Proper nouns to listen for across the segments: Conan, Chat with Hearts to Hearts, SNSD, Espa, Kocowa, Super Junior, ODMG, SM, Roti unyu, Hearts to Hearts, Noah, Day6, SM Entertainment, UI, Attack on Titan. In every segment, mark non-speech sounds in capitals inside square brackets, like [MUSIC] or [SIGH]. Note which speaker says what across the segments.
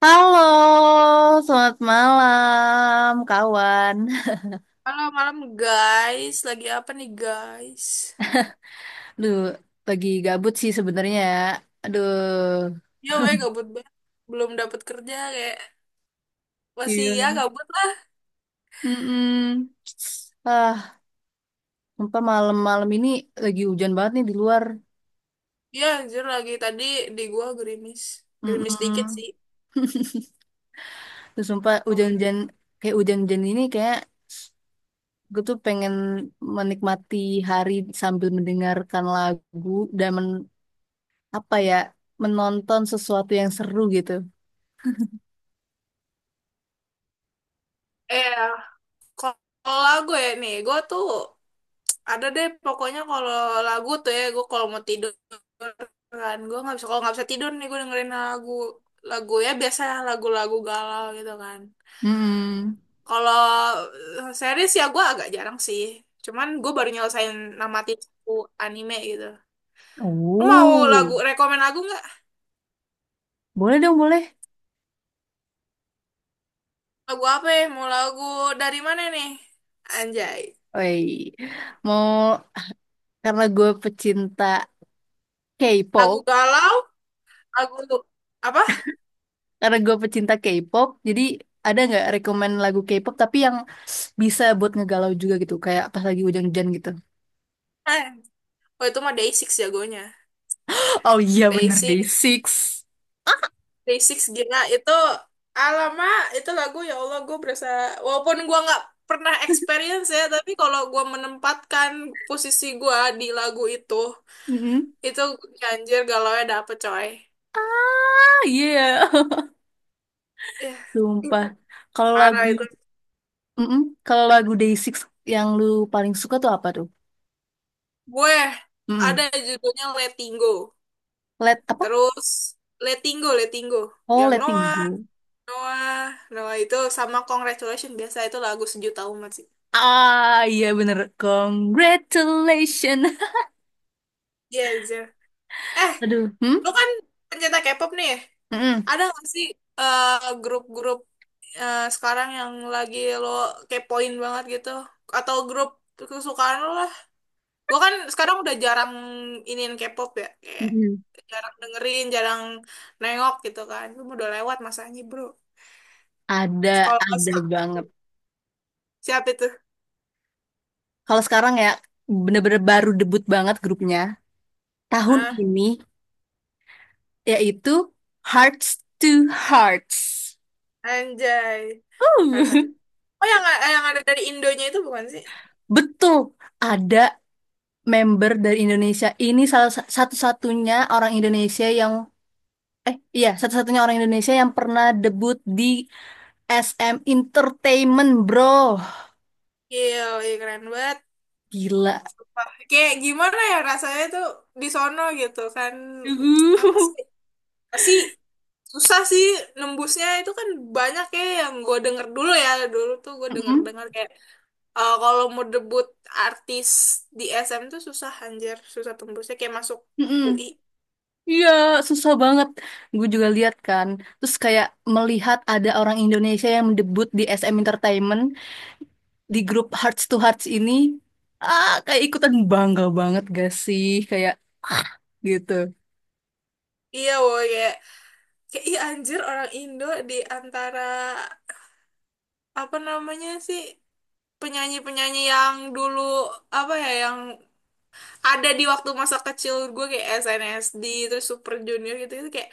Speaker 1: Halo, selamat malam, kawan.
Speaker 2: Halo malam guys, lagi apa nih guys?
Speaker 1: Aduh, lagi gabut sih sebenarnya. Aduh,
Speaker 2: Ya weh gabut banget, belum dapat kerja kayak masih
Speaker 1: iya.
Speaker 2: ya gabut lah.
Speaker 1: Mm-mm. Ah, sumpah malam-malam ini lagi hujan banget nih di luar.
Speaker 2: Ya anjir lagi tadi di gua gerimis, gerimis dikit
Speaker 1: Mm-mm.
Speaker 2: sih.
Speaker 1: Terus sumpah
Speaker 2: Ya udah.
Speaker 1: hujan-hujan kayak hujan-hujan ini kayak gue tuh pengen menikmati hari sambil mendengarkan lagu dan apa ya, menonton sesuatu yang seru gitu.
Speaker 2: Ya, kalau lagu ya nih, gua tuh ada deh pokoknya kalau lagu tuh ya gua kalau mau tidur kan gua nggak bisa kalau nggak bisa tidur nih gua dengerin lagu lagu ya biasa lagu-lagu galau gitu kan.
Speaker 1: Mm-mm.
Speaker 2: Kalau series ya gue agak jarang sih. Cuman gue baru nyelesain namati satu anime gitu. Lu mau
Speaker 1: Oh.
Speaker 2: lagu, rekomen lagu nggak?
Speaker 1: Boleh dong, boleh.
Speaker 2: Lagu apa ya? Mau lagu dari mana nih? Anjay.
Speaker 1: Woi, mau, karena gue pecinta
Speaker 2: Lagu
Speaker 1: K-pop,
Speaker 2: galau? Lagu apa?
Speaker 1: jadi ada nggak rekomen lagu K-pop tapi yang bisa buat ngegalau juga gitu, kayak pas lagi hujan-hujan gitu. [LAUGHS]
Speaker 2: Eh, oh itu mah Day6 jagonya.
Speaker 1: Oh iya bener deh,
Speaker 2: Day6,
Speaker 1: Six.
Speaker 2: Day6 gila itu alamak itu lagu ya Allah gue berasa walaupun gue nggak pernah experience ya tapi kalau gue menempatkan posisi gue di lagu itu.
Speaker 1: Mm-mm.
Speaker 2: Itu ganjir galaunya dapet coy.
Speaker 1: Ah, iya. [LAUGHS]
Speaker 2: Ya, ih,
Speaker 1: Sumpah. Kalau lagu,
Speaker 2: parah itu.
Speaker 1: mm-mm. Kalau lagu Day6 yang lu paling suka tuh apa tuh?
Speaker 2: Gue ada
Speaker 1: Mm-mm.
Speaker 2: judulnya Letting Go.
Speaker 1: Let apa?
Speaker 2: Terus Letting Go, Letting Go.
Speaker 1: Oh,
Speaker 2: Yang
Speaker 1: Letting
Speaker 2: Noah,
Speaker 1: Go.
Speaker 2: Noah, Noah itu sama Congratulations. Biasa itu lagu sejuta umat sih.
Speaker 1: Ah, iya bener. Congratulations.
Speaker 2: Iya, iya. Eh,
Speaker 1: [LAUGHS] Aduh, hmm?
Speaker 2: lu kan pencinta K-pop nih.
Speaker 1: Mm-mm,
Speaker 2: Ada nggak sih eh, grup-grup sekarang yang lagi lo kepoin banget gitu? Atau grup kesukaan lo lah? Gue kan sekarang udah jarang iniin K-pop ya, kayak
Speaker 1: mm-mm.
Speaker 2: jarang dengerin, jarang nengok gitu kan. Gue udah lewat masanya bro.
Speaker 1: Ada,
Speaker 2: Sekolah
Speaker 1: ada
Speaker 2: otak.
Speaker 1: banget.
Speaker 2: Siapa itu?
Speaker 1: Kalau sekarang ya, bener-bener baru debut banget grupnya. Tahun
Speaker 2: Ah,
Speaker 1: ini, yaitu Hearts to Hearts.
Speaker 2: anjay. Harus.
Speaker 1: Uh,
Speaker 2: Oh yang, yang ada dari Indonya itu bukan sih?
Speaker 1: [LAUGHS] betul, ada member dari Indonesia. Ini satu-satunya orang Indonesia yang, iya, satu-satunya orang Indonesia yang pernah debut di SM Entertainment, bro.
Speaker 2: Gil, ih, keren banget.
Speaker 1: Gila.
Speaker 2: Wah, kayak gimana ya rasanya tuh di sono gitu kan. Apa
Speaker 1: Uh.
Speaker 2: sih? Pasti susah sih nembusnya itu kan banyak ya yang gue denger dulu ya. Dulu tuh gue
Speaker 1: Mm-mm,
Speaker 2: denger-denger kayak kalau mau debut artis di SM tuh susah anjir, susah tembusnya kayak masuk
Speaker 1: mm-mm.
Speaker 2: UI.
Speaker 1: Iya, susah banget. Gue juga lihat kan. Terus kayak melihat ada orang Indonesia yang mendebut di SM Entertainment di grup Hearts to Hearts ini, ah kayak ikutan bangga banget gak sih kayak gitu.
Speaker 2: Iya woy, kayak, kayak iya anjir orang Indo di antara apa namanya sih penyanyi-penyanyi yang dulu apa ya yang ada di waktu masa kecil gue kayak SNSD terus Super Junior gitu itu kayak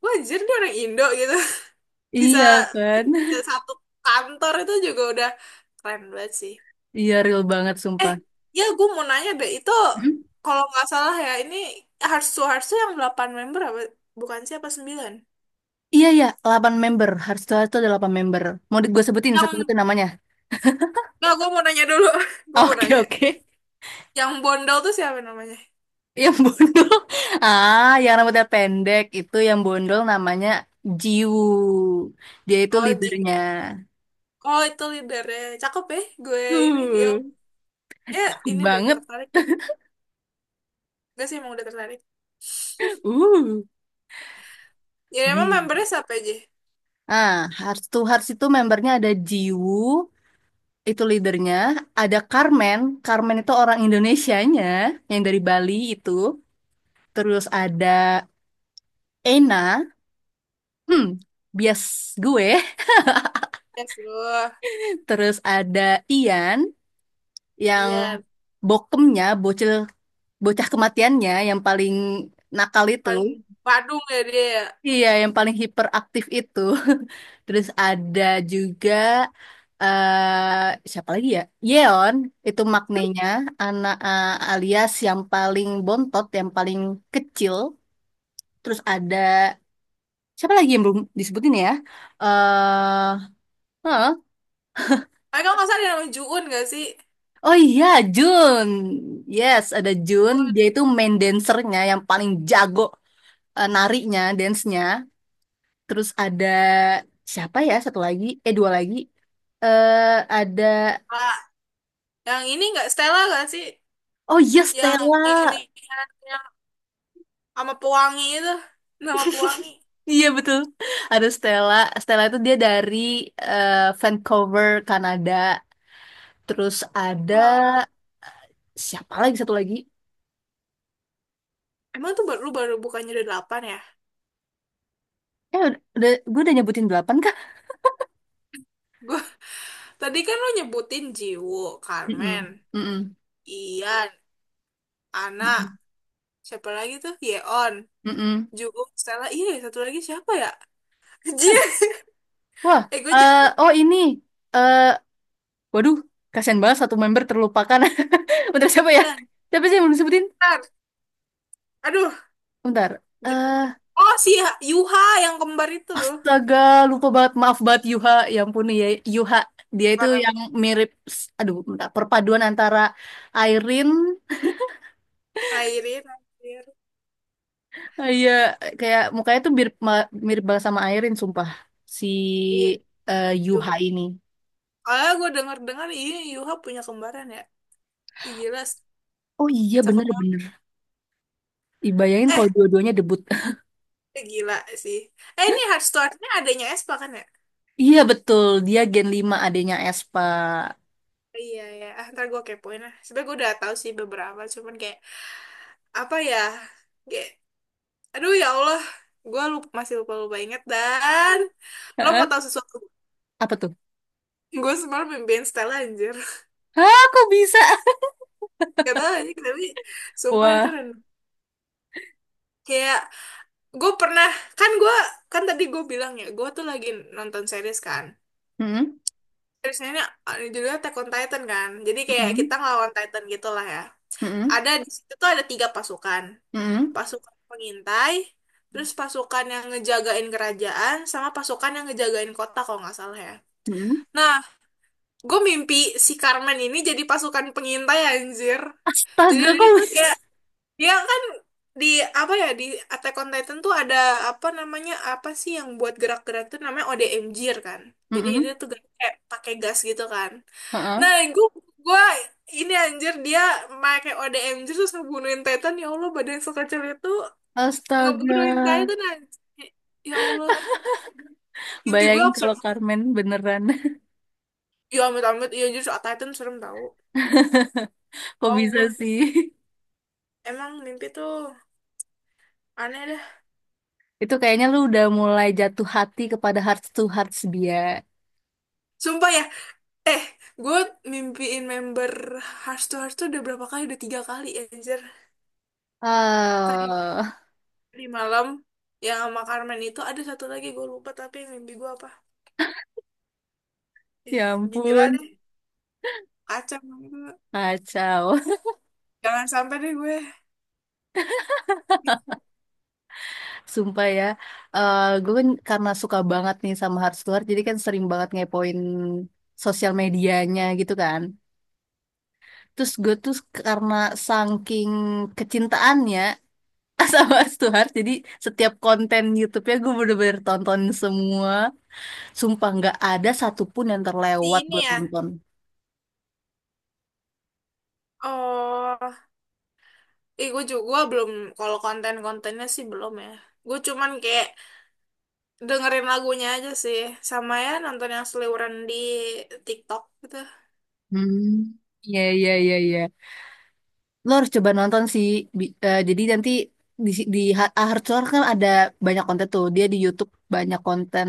Speaker 2: wah anjir dia orang Indo gitu [LAUGHS] bisa
Speaker 1: Iya kan?
Speaker 2: bisa
Speaker 1: [LAUGHS]
Speaker 2: satu kantor itu juga udah keren banget sih.
Speaker 1: Iya real banget
Speaker 2: Eh,
Speaker 1: sumpah.
Speaker 2: ya gue mau nanya deh, itu
Speaker 1: Hmm?
Speaker 2: kalau nggak salah ya, ini Harsu Harsu yang 8 member apa? Bukan siapa 9.
Speaker 1: Iya ya, 8 member. Hearts to Hearts itu ada 8 member. Mau gue sebutin
Speaker 2: Yang,
Speaker 1: satu-satu namanya.
Speaker 2: nggak gue mau nanya dulu. [LAUGHS] Gue
Speaker 1: [LAUGHS]
Speaker 2: mau
Speaker 1: Oke,
Speaker 2: nanya.
Speaker 1: oke.
Speaker 2: Yang Bondol tuh siapa namanya?
Speaker 1: Yang bondol. [LAUGHS] Ah, yang rambutnya pendek itu yang bondol namanya Jiwoo. Dia itu
Speaker 2: Oh, Ji.
Speaker 1: leadernya.
Speaker 2: Oh, itu leadernya. Cakep ya, gue ini. Ya,
Speaker 1: Uh,
Speaker 2: ya
Speaker 1: cakep
Speaker 2: ini deh,
Speaker 1: banget.
Speaker 2: tertarik deh. Gue sih emang udah tertarik.
Speaker 1: Uh,
Speaker 2: Ya, emang
Speaker 1: Jiwoo.
Speaker 2: membernya siapa aja?
Speaker 1: Ah, Hearts to Hearts itu membernya ada Jiwoo itu leadernya. Ada Carmen, Carmen itu orang Indonesianya, yang dari Bali itu. Terus ada Ena, hmm, bias gue.
Speaker 2: Ya, seluruh.
Speaker 1: [LAUGHS] Terus ada Ian, yang
Speaker 2: Iya,
Speaker 1: bokemnya, bocil, bocah kematiannya, yang paling nakal itu.
Speaker 2: paling Badung ya dia. Ya.
Speaker 1: Iya, yang paling hiperaktif itu. [LAUGHS] Terus ada juga, siapa lagi ya? Yeon, itu maknanya anak, alias yang paling bontot, yang paling kecil. Terus ada siapa lagi yang belum disebutin ya? Eh, huh?
Speaker 2: Tapi kalau nggak salah ada namanya Juun nggak sih?
Speaker 1: Oh iya, Jun. Yes, ada Jun.
Speaker 2: Juun.
Speaker 1: Dia itu main dancernya yang paling jago, narinya, dance-nya. Terus ada siapa ya? Satu lagi, eh, dua lagi. Ada,
Speaker 2: Ah, yang ini nggak Stella nggak sih?
Speaker 1: oh iya,
Speaker 2: Yang ini
Speaker 1: Stella.
Speaker 2: yang sama pewangi itu nama pewangi.
Speaker 1: Iya betul, ada Stella. Stella itu dia dari, eh, Vancouver Kanada. Terus ada
Speaker 2: Walah.
Speaker 1: siapa lagi, satu lagi,
Speaker 2: Emang tuh baru lu baru bukannya udah delapan ya?
Speaker 1: eh udah, gue udah nyebutin delapan kah?
Speaker 2: Gua [LAUGHS] tadi kan lu nyebutin Jiwo, Carmen,
Speaker 1: Mm-mm. Mm-mm.
Speaker 2: Ian, Ana,
Speaker 1: Mm-mm.
Speaker 2: siapa lagi tuh, Yeon,
Speaker 1: Mm-mm.
Speaker 2: Jungkook, Stella, iya ya, satu lagi siapa ya? [LAUGHS] Jia.
Speaker 1: Wah,
Speaker 2: Gue jadi
Speaker 1: oh, ini, eh waduh, kasihan banget satu member terlupakan. [LAUGHS] Bentar, siapa ya? Siapa sih yang belum disebutin?
Speaker 2: lancar. Aduh.
Speaker 1: Bentar.
Speaker 2: Jo-
Speaker 1: Eh
Speaker 2: Yuha, yang kembar itu loh.
Speaker 1: Astaga, lupa banget. Maaf banget Yuha. Ya ampun ya Yuha. Dia itu
Speaker 2: Para
Speaker 1: yang mirip, aduh, bentar, perpaduan antara Airin,
Speaker 2: Airin, Airin.
Speaker 1: iya, kayak mukanya tuh mirip, mirip banget sama Airin, sumpah. Si
Speaker 2: Iya Yuha.
Speaker 1: Yuha ini.
Speaker 2: Kalau gue denger-dengar iya Yuha punya kembaran ya. Ih, jelas
Speaker 1: Oh iya,
Speaker 2: cakep.
Speaker 1: bener-bener. Dibayangin
Speaker 2: Eh,
Speaker 1: kalau dua-duanya debut. [LAUGHS]
Speaker 2: gila sih. Eh, ini Hearthstone-nya adanya Espa kan ya?
Speaker 1: Iya betul, dia Gen 5 adanya Espa.
Speaker 2: Iya, ya. Ah, ntar gue kepoin lah. Sebenernya gue udah tahu sih beberapa. Cuman kayak, apa ya? Kayak, aduh ya Allah. Gue lupa, masih lupa-lupa inget. Dan lo mau
Speaker 1: Heeh.
Speaker 2: tahu sesuatu?
Speaker 1: Apa tuh?
Speaker 2: Gue semalam mimpiin Stella anjir. [LAUGHS]
Speaker 1: Hah, kok bisa?
Speaker 2: Gak tau aja, tapi
Speaker 1: [LAUGHS]
Speaker 2: sumpah itu
Speaker 1: Wah.
Speaker 2: dan kayak gue pernah, kan gue kan tadi gue bilang ya gue tuh lagi nonton series kan,
Speaker 1: Mm-mm.
Speaker 2: seriesnya ini judulnya Attack on Titan, kan jadi kayak kita
Speaker 1: Mm-mm.
Speaker 2: ngelawan Titan gitu lah ya,
Speaker 1: Mm-mm.
Speaker 2: ada di situ tuh ada 3 pasukan.
Speaker 1: Mm-mm.
Speaker 2: Pasukan pengintai, terus pasukan yang ngejagain kerajaan, sama pasukan yang ngejagain kota kalau nggak salah ya.
Speaker 1: Mm-mm.
Speaker 2: Nah, gue mimpi si Carmen ini jadi pasukan pengintai anjir. Jadi
Speaker 1: Astaga,
Speaker 2: dia
Speaker 1: kok
Speaker 2: tuh
Speaker 1: bisa?
Speaker 2: kayak dia kan di apa ya di Attack on Titan tuh ada apa namanya apa sih yang buat gerak-gerak tuh namanya ODMG kan. Jadi dia
Speaker 1: Mm-mm.
Speaker 2: tuh gerak kayak pakai gas gitu kan.
Speaker 1: Heeh.
Speaker 2: Nah, gue ini anjir dia pakai ODMG terus ngebunuhin Titan. Ya Allah, badan sekecil itu
Speaker 1: Astaga,
Speaker 2: ngebunuhin Titan anjir. Ya Allah, mimpi gue
Speaker 1: bayangin
Speaker 2: absurd.
Speaker 1: kalau Carmen beneran,
Speaker 2: Ya amit-amit, iya anjir, soal Titan serem tau.
Speaker 1: [LAUGHS] kok
Speaker 2: Oh,
Speaker 1: bisa
Speaker 2: gue
Speaker 1: sih?
Speaker 2: emang mimpi tuh aneh dah.
Speaker 1: [LAUGHS] Itu kayaknya lu udah mulai jatuh hati kepada hearts to hearts dia.
Speaker 2: Sumpah ya, Eh, gue mimpiin member Hearts to Hearts tuh udah berapa kali? Udah 3 kali, anjir. Tadi
Speaker 1: Ah,
Speaker 2: di malam yang sama Carmen itu ada satu lagi gue lupa tapi mimpi gue apa?
Speaker 1: ya ampun,
Speaker 2: Gila deh, kacau banget.
Speaker 1: kacau.
Speaker 2: Jangan sampai deh gue.
Speaker 1: [LAUGHS] Sumpah ya, gue kan karena suka banget nih sama hearts to hearts, jadi kan sering banget ngepoin sosial medianya gitu kan. Terus gue tuh karena saking kecintaannya, [LAUGHS] sama Stuart jadi setiap konten YouTube-nya gue bener-bener tonton semua, sumpah nggak ada satupun yang
Speaker 2: Si
Speaker 1: terlewat
Speaker 2: ini
Speaker 1: gue
Speaker 2: ya.
Speaker 1: tonton.
Speaker 2: Oh, gue juga gua belum kalau konten-kontennya sih belum ya. Gue cuman kayak dengerin lagunya aja sih, sama ya nonton yang seliweran di TikTok gitu.
Speaker 1: Hmm, iya, iya, iya, iya. Lo harus coba nonton sih. Jadi nanti di Ahad Suar kan ada banyak konten tuh. Dia di YouTube banyak konten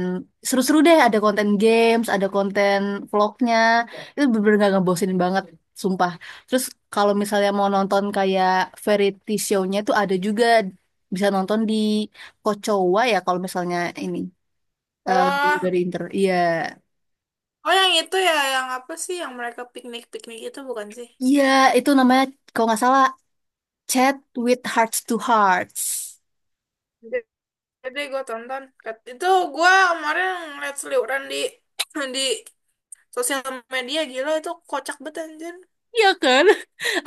Speaker 1: seru-seru deh. Ada konten games, ada konten vlognya. Itu bener-bener gak ngebosenin banget, sumpah. Terus kalau misalnya mau nonton kayak variety show-nya tuh ada juga, bisa nonton di Kocowa ya kalau misalnya ini, eh,
Speaker 2: Oh,
Speaker 1: dari Inter. Iya,
Speaker 2: oh yang itu ya, yang apa sih yang mereka piknik-piknik itu bukan sih?
Speaker 1: iya itu namanya kalau nggak salah Chat with Hearts to Hearts.
Speaker 2: Jadi gue tonton. Itu gue kemarin ngeliat seliuran di [CLEARS THROAT] di sosial media gila itu kocak banget anjir.
Speaker 1: Iya kan?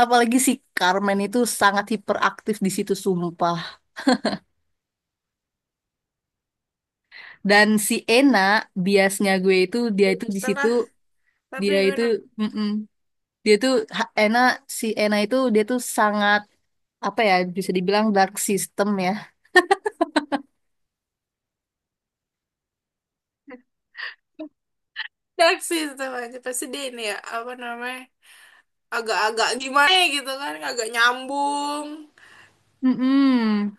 Speaker 1: Apalagi si Carmen itu sangat hiperaktif di situ sumpah. Dan si Ena biasnya gue, itu dia
Speaker 2: Iya,
Speaker 1: itu di situ,
Speaker 2: setelah tadi
Speaker 1: dia
Speaker 2: gue
Speaker 1: itu,
Speaker 2: nonton.
Speaker 1: mm-mm, dia tuh Ena, si Ena itu dia tuh sangat, apa ya, bisa dibilang dark system ya.
Speaker 2: [LAUGHS] Reaksi setelah aja pasti dia ini ya apa namanya agak-agak gimana ya gitu kan agak nyambung.
Speaker 1: Mm-mm.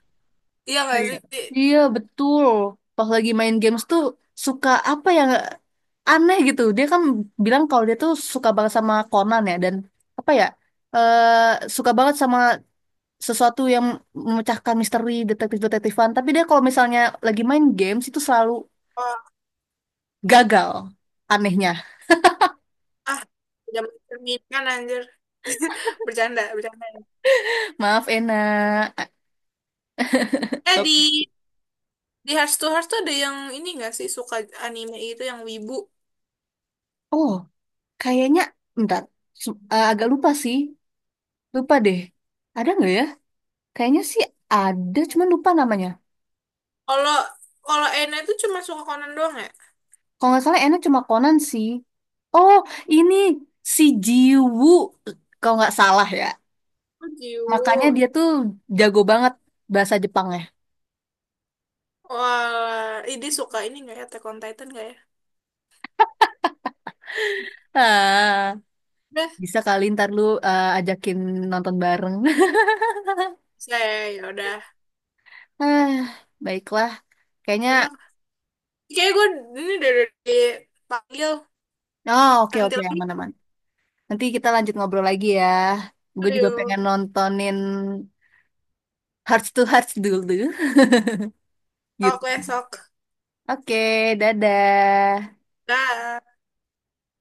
Speaker 2: Iya gak
Speaker 1: Kayak,
Speaker 2: sih?
Speaker 1: iya betul. Pas lagi main games tuh suka apa yang aneh gitu. Dia kan bilang kalau dia tuh suka banget sama Conan ya, dan apa ya, eh suka banget sama sesuatu yang memecahkan misteri detektif-detektifan. Tapi dia kalau misalnya lagi main games itu selalu
Speaker 2: Oh,
Speaker 1: gagal anehnya.
Speaker 2: ah udah mencerminkan anjir. [LAUGHS] Bercanda, bercanda.
Speaker 1: [LAUGHS] Maaf Ena. A-
Speaker 2: Eh
Speaker 1: tapi-
Speaker 2: di Di Hearts to Hearts tuh ada yang ini nggak sih suka anime itu yang wibu?
Speaker 1: Oh, kayaknya, bentar. Agak lupa sih. Lupa deh. Ada nggak ya? Kayaknya sih ada, cuman lupa namanya.
Speaker 2: Kalau kalau Ena itu cuma suka Conan doang ya?
Speaker 1: Kalau nggak salah Ena cuma Conan sih. Oh, ini si Jiwoo. Kalau nggak salah ya.
Speaker 2: Oh,
Speaker 1: Makanya
Speaker 2: Jiwo.
Speaker 1: dia tuh jago banget bahasa Jepangnya.
Speaker 2: Wah, ini suka ini nggak ya? Attack on Titan nggak ya?
Speaker 1: Ah.
Speaker 2: Udah,
Speaker 1: Bisa kali ntar lu, ajakin nonton bareng. [LAUGHS]
Speaker 2: saya ya udah.
Speaker 1: Ah, baiklah. Kayaknya,
Speaker 2: Ya udah. Kayak gue ini dari dipanggil.
Speaker 1: oh, oke,
Speaker 2: Nanti
Speaker 1: oke,
Speaker 2: lagi
Speaker 1: aman-aman. Nanti kita lanjut ngobrol lagi ya. Gue
Speaker 2: dulu
Speaker 1: juga
Speaker 2: yuk.
Speaker 1: pengen nontonin Hearts to Hearts dulu. [LAUGHS]
Speaker 2: Oke,
Speaker 1: Gitu.
Speaker 2: sok.
Speaker 1: Oke, dadah.
Speaker 2: Dah.